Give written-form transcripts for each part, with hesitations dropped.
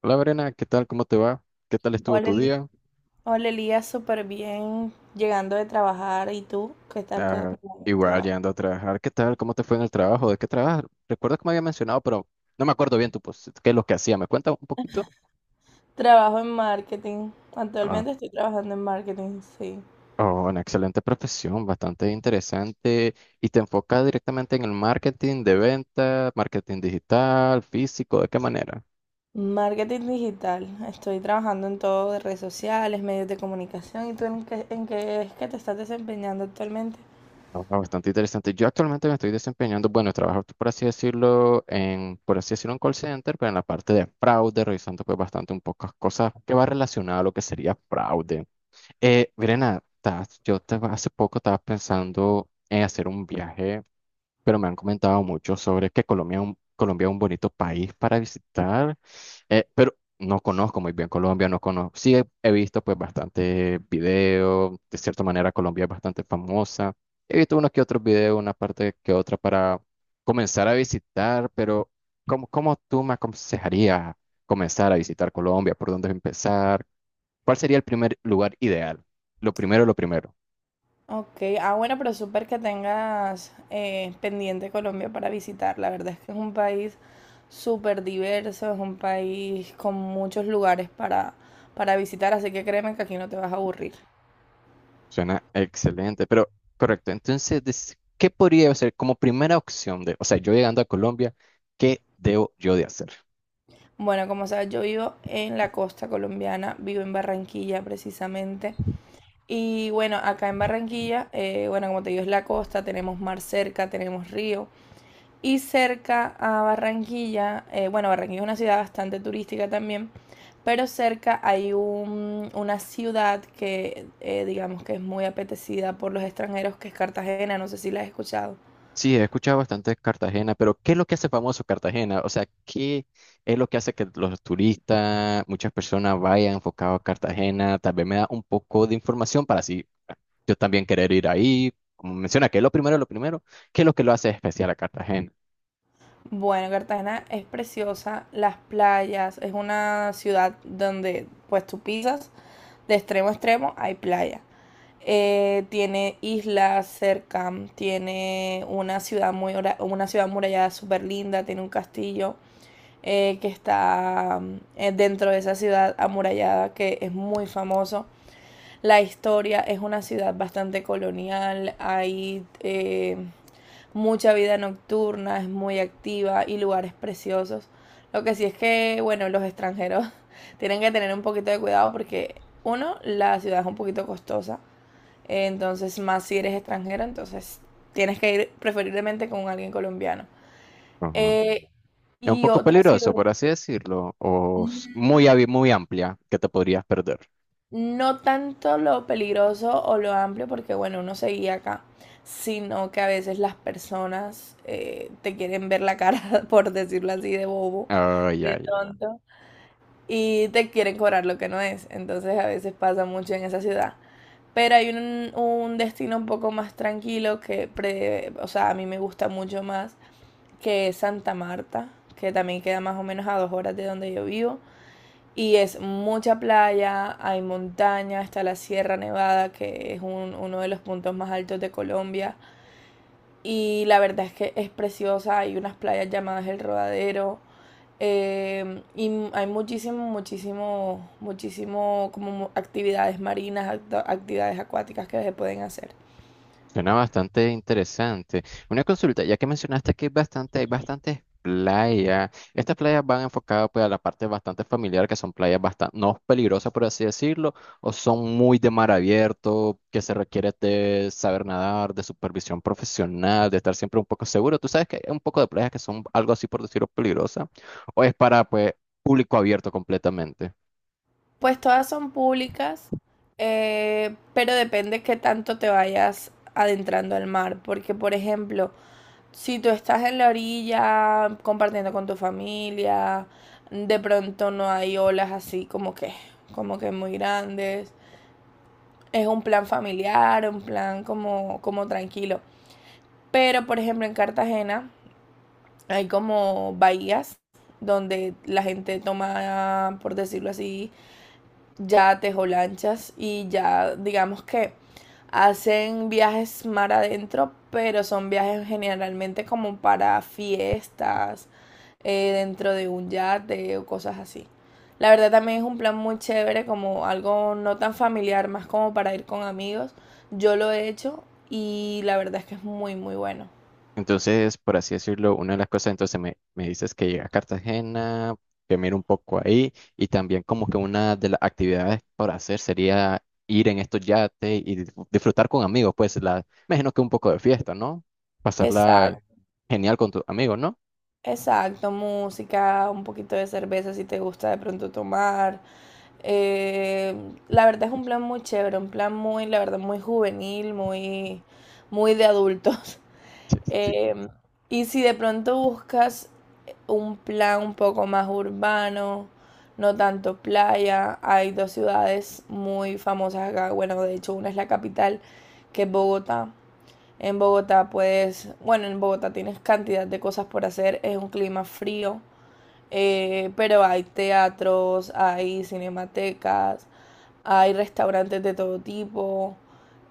Hola Verena, ¿qué tal? ¿Cómo te va? ¿Qué tal estuvo Hola, tu día? Hola Elías, súper bien, llegando de trabajar. ¿Y tú? ¿Qué tal? Ah, ¿Cómo te Igual, va? llegando a trabajar, ¿qué tal? ¿Cómo te fue en el trabajo? ¿De qué trabajas? Recuerdo que me había mencionado, pero no me acuerdo bien qué es lo que hacía. ¿Me cuentas un poquito? Trabajo en marketing. Ah, Actualmente estoy trabajando en marketing, sí. oh, una excelente profesión, bastante interesante, y te enfocas directamente en el marketing de venta, marketing digital, físico, ¿de qué manera? Marketing digital. Estoy trabajando en todo de redes sociales, medios de comunicación. ¿Y tú en qué es que te estás desempeñando actualmente? Bastante interesante. Yo actualmente me estoy desempeñando, bueno, trabajo por así decirlo, por así decirlo, en call center, pero en la parte de fraude, revisando pues bastante un poco cosas que va relacionada a lo que sería fraude. Verena, hace poco estaba pensando en hacer un viaje, pero me han comentado mucho sobre que Colombia es un bonito país para visitar, pero no conozco muy bien Colombia, no conozco, sí he, he visto pues bastante video, de cierta manera Colombia es bastante famosa, he visto unos que otros videos, una parte que otra para comenzar a visitar, pero ¿cómo tú me aconsejarías comenzar a visitar Colombia? ¿Por dónde empezar? ¿Cuál sería el primer lugar ideal? Lo primero, lo primero. Ok, ah bueno, pero súper que tengas pendiente Colombia para visitar. La verdad es que es un país súper diverso, es un país con muchos lugares para visitar, así que créeme que aquí no te vas a aburrir. Suena excelente, pero correcto. Entonces, ¿qué podría hacer como primera opción de, o sea, yo llegando a Colombia, ¿qué debo yo de hacer? Bueno, como sabes, yo vivo en la costa colombiana, vivo en Barranquilla precisamente. Y bueno, acá en Barranquilla, bueno, como te digo, es la costa, tenemos mar cerca, tenemos río. Y cerca a Barranquilla, bueno, Barranquilla es una ciudad bastante turística también, pero cerca hay una ciudad que digamos que es muy apetecida por los extranjeros, que es Cartagena, no sé si la has escuchado. Sí, he escuchado bastante de Cartagena, pero ¿qué es lo que hace famoso Cartagena? O sea, ¿qué es lo que hace que los turistas, muchas personas vayan enfocados a Cartagena? Tal vez me da un poco de información para así yo también querer ir ahí. Como menciona, que es lo primero, ¿qué es lo que lo hace especial a Cartagena? Bueno, Cartagena es preciosa, las playas, es una ciudad donde pues tú pisas de extremo a extremo, hay playa. Tiene islas cerca, tiene una ciudad muy, una ciudad murallada súper linda, tiene un castillo, que está dentro de esa ciudad amurallada, que es muy famoso. La historia, es una ciudad bastante colonial, hay mucha vida nocturna, es muy activa y lugares preciosos. Lo que sí es que, bueno, los extranjeros tienen que tener un poquito de cuidado porque, uno, la ciudad es un poquito costosa, entonces más si eres extranjero, entonces tienes que ir preferiblemente con alguien colombiano. Eh, ¿Es un y poco otra peligroso, ciudad... por así decirlo, muy, muy amplia que te podrías perder? No tanto lo peligroso o lo amplio, porque bueno, uno se seguía acá, sino que a veces las personas te quieren ver la cara, por decirlo así, de bobo, Ay, de ay, ay. tonto, y te quieren cobrar lo que no es. Entonces a veces pasa mucho en esa ciudad. Pero hay un destino un poco más tranquilo que, o sea, a mí me gusta mucho más, que es Santa Marta, que también queda más o menos a dos horas de donde yo vivo. Y es mucha playa, hay montaña, está la Sierra Nevada, que es uno de los puntos más altos de Colombia. Y la verdad es que es preciosa, hay unas playas llamadas El Rodadero, y hay muchísimo, muchísimo, muchísimo como actividades marinas, actividades acuáticas que se pueden hacer. Suena bastante interesante. Una consulta, ya que mencionaste que hay hay bastantes playas. ¿Estas playas van enfocadas pues a la parte bastante familiar, que son playas bastante no peligrosas, por así decirlo, o son muy de mar abierto, que se requiere de saber nadar, de supervisión profesional, de estar siempre un poco seguro? Tú sabes que hay un poco de playas que son algo así, por decirlo, peligrosas, o es para pues público abierto completamente. Pues todas son públicas, pero depende qué tanto te vayas adentrando al mar. Porque, por ejemplo, si tú estás en la orilla compartiendo con tu familia, de pronto no hay olas así como que muy grandes. Es un plan familiar, un plan como, como tranquilo. Pero por ejemplo en Cartagena hay como bahías donde la gente toma, por decirlo así, ya tejo lanchas y ya digamos que hacen viajes mar adentro, pero son viajes generalmente como para fiestas, dentro de un yate o cosas así. La verdad también es un plan muy chévere, como algo no tan familiar, más como para ir con amigos. Yo lo he hecho y la verdad es que es muy, muy bueno. Entonces, por así decirlo, una de las cosas, entonces me dices que llega a Cartagena, que miro un poco ahí, y también como que una de las actividades por hacer sería ir en estos yates y disfrutar con amigos, pues la, me imagino que un poco de fiesta, ¿no? Pasarla Exacto. genial con tus amigos, ¿no? Exacto, música, un poquito de cerveza si te gusta de pronto tomar. Eh, la verdad es un plan muy chévere, un plan muy, la verdad, muy juvenil, muy, muy de adultos. Sí, sí. Em, y si de pronto buscas un plan un poco más urbano, no tanto playa, hay dos ciudades muy famosas acá. Bueno, de hecho, una es la capital, que es Bogotá. En Bogotá puedes, bueno, en Bogotá tienes cantidad de cosas por hacer, es un clima frío, pero hay teatros, hay cinematecas, hay restaurantes de todo tipo,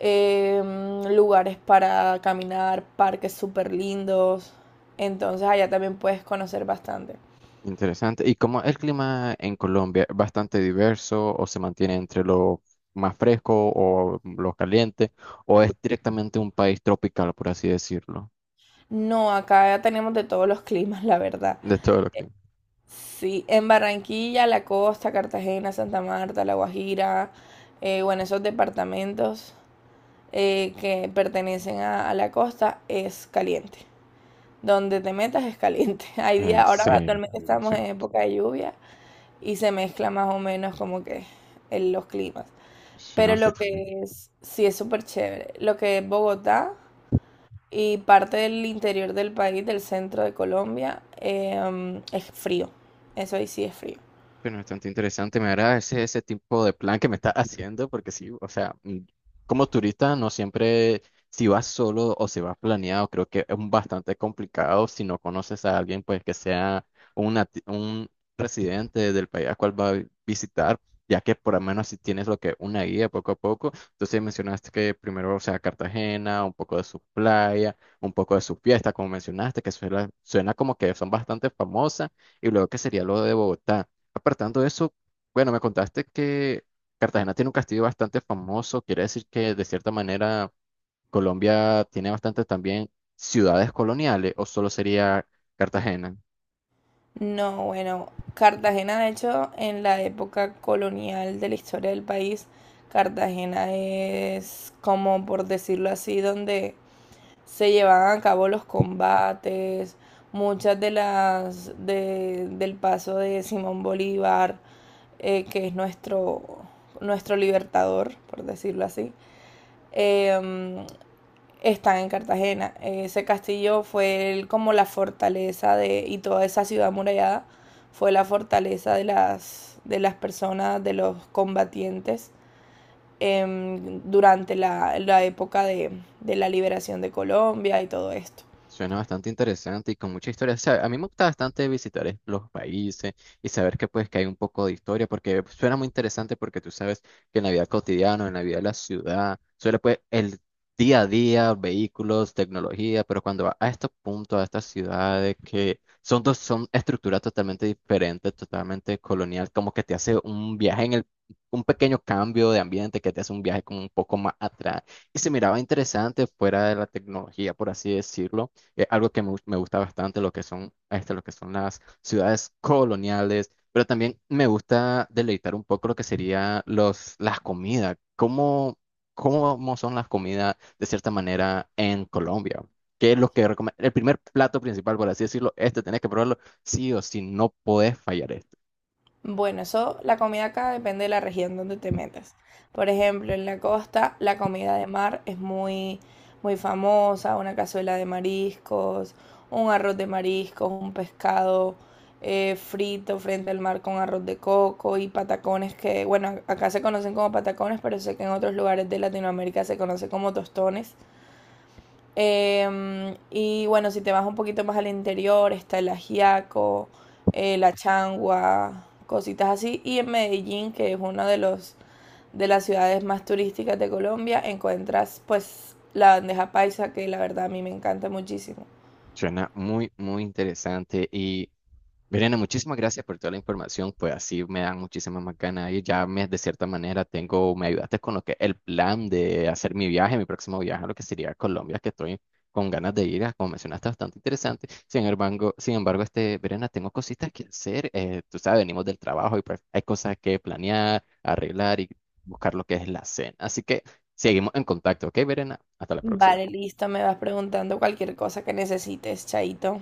lugares para caminar, parques súper lindos, entonces allá también puedes conocer bastante. Interesante. ¿Y cómo el clima en Colombia es bastante diverso o se mantiene entre lo más fresco o lo caliente o es directamente un país tropical, por así decirlo, No, acá ya tenemos de todos los climas, la verdad. de todo lo que? Sí, en Barranquilla, la costa, Cartagena, Santa Marta, La Guajira, bueno, esos departamentos que pertenecen a la costa, es caliente. Donde te metas es caliente. Hay días, ¿En ahora serio? actualmente estamos Suena, en época de lluvia y se mezcla más o menos como que en los climas. suena Pero lo bastante. que es, sí es súper chévere. Lo que es Bogotá y parte del interior del país, del centro de Colombia, es frío. Eso ahí sí es frío. Bueno, bastante interesante, me agrada ese tipo de plan que me estás haciendo, porque sí, o sea, mm, como turista no siempre, si vas solo o si vas planeado, creo que es un bastante complicado si no conoces a alguien, pues que sea un residente del país al cual va a visitar, ya que por lo menos si tienes lo que una guía poco a poco, entonces mencionaste que primero, o sea, Cartagena, un poco de su playa, un poco de su fiesta, como mencionaste, que suena, suena como que son bastante famosas, y luego que sería lo de Bogotá. Apartando eso, bueno, me contaste que Cartagena tiene un castillo bastante famoso, quiere decir que de cierta manera Colombia tiene bastantes también ciudades coloniales, o solo sería Cartagena. No, bueno, Cartagena, de hecho, en la época colonial de la historia del país, Cartagena es como, por decirlo así, donde se llevaban a cabo los combates, muchas de las del paso de Simón Bolívar, que es nuestro, nuestro libertador, por decirlo así. Em, Están en Cartagena. Ese castillo fue como la fortaleza de, y toda esa ciudad amurallada fue la fortaleza de las personas, de los combatientes durante la época de la liberación de Colombia y todo esto. Suena bastante interesante y con mucha historia. O sea, a mí me gusta bastante visitar los países y saber que pues que hay un poco de historia, porque suena muy interesante porque tú sabes que en la vida cotidiana, en la vida de la ciudad, suele pues el día a día, vehículos, tecnología, pero cuando va a estos puntos, a estas ciudades que son dos, son estructuras totalmente diferentes, totalmente colonial, como que te hace un viaje en el, un pequeño cambio de ambiente que te hace un viaje como un poco más atrás. Y se miraba interesante fuera de la tecnología, por así decirlo, algo que me gusta bastante, lo que son, este, lo que son las ciudades coloniales, pero también me gusta deleitar un poco lo que sería los, las comidas, cómo, cómo son las comidas de cierta manera en Colombia. ¿Qué es lo que El primer plato principal, por así decirlo, este tenés que probarlo sí o sí, no podés fallar esto? Bueno, eso, la comida acá depende de la región donde te metas. Por ejemplo, en la costa, la comida de mar es muy, muy famosa, una cazuela de mariscos, un arroz de mariscos, un pescado frito frente al mar con arroz de coco y patacones que, bueno, acá se conocen como patacones, pero sé que en otros lugares de Latinoamérica se conoce como tostones. Y bueno, si te vas un poquito más al interior, está el ajiaco, la changua, cositas así. Y en Medellín, que es una de los de las ciudades más turísticas de Colombia, encuentras pues la bandeja paisa, que la verdad a mí me encanta muchísimo. Suena muy, muy interesante y Verena, muchísimas gracias por toda la información, pues así me dan muchísimas más ganas y ya de cierta manera tengo, me ayudaste con lo que el plan de hacer mi viaje, mi próximo viaje a lo que sería Colombia, que estoy con ganas de ir, ah, como mencionaste, bastante interesante. Sin embargo, este, Verena, tengo cositas que hacer, tú sabes, venimos del trabajo y pues hay cosas que planear, arreglar y buscar lo que es la cena. Así que seguimos en contacto, ¿ok, Verena? Hasta la próxima. Vale, listo, me vas preguntando cualquier cosa que necesites, Chaito.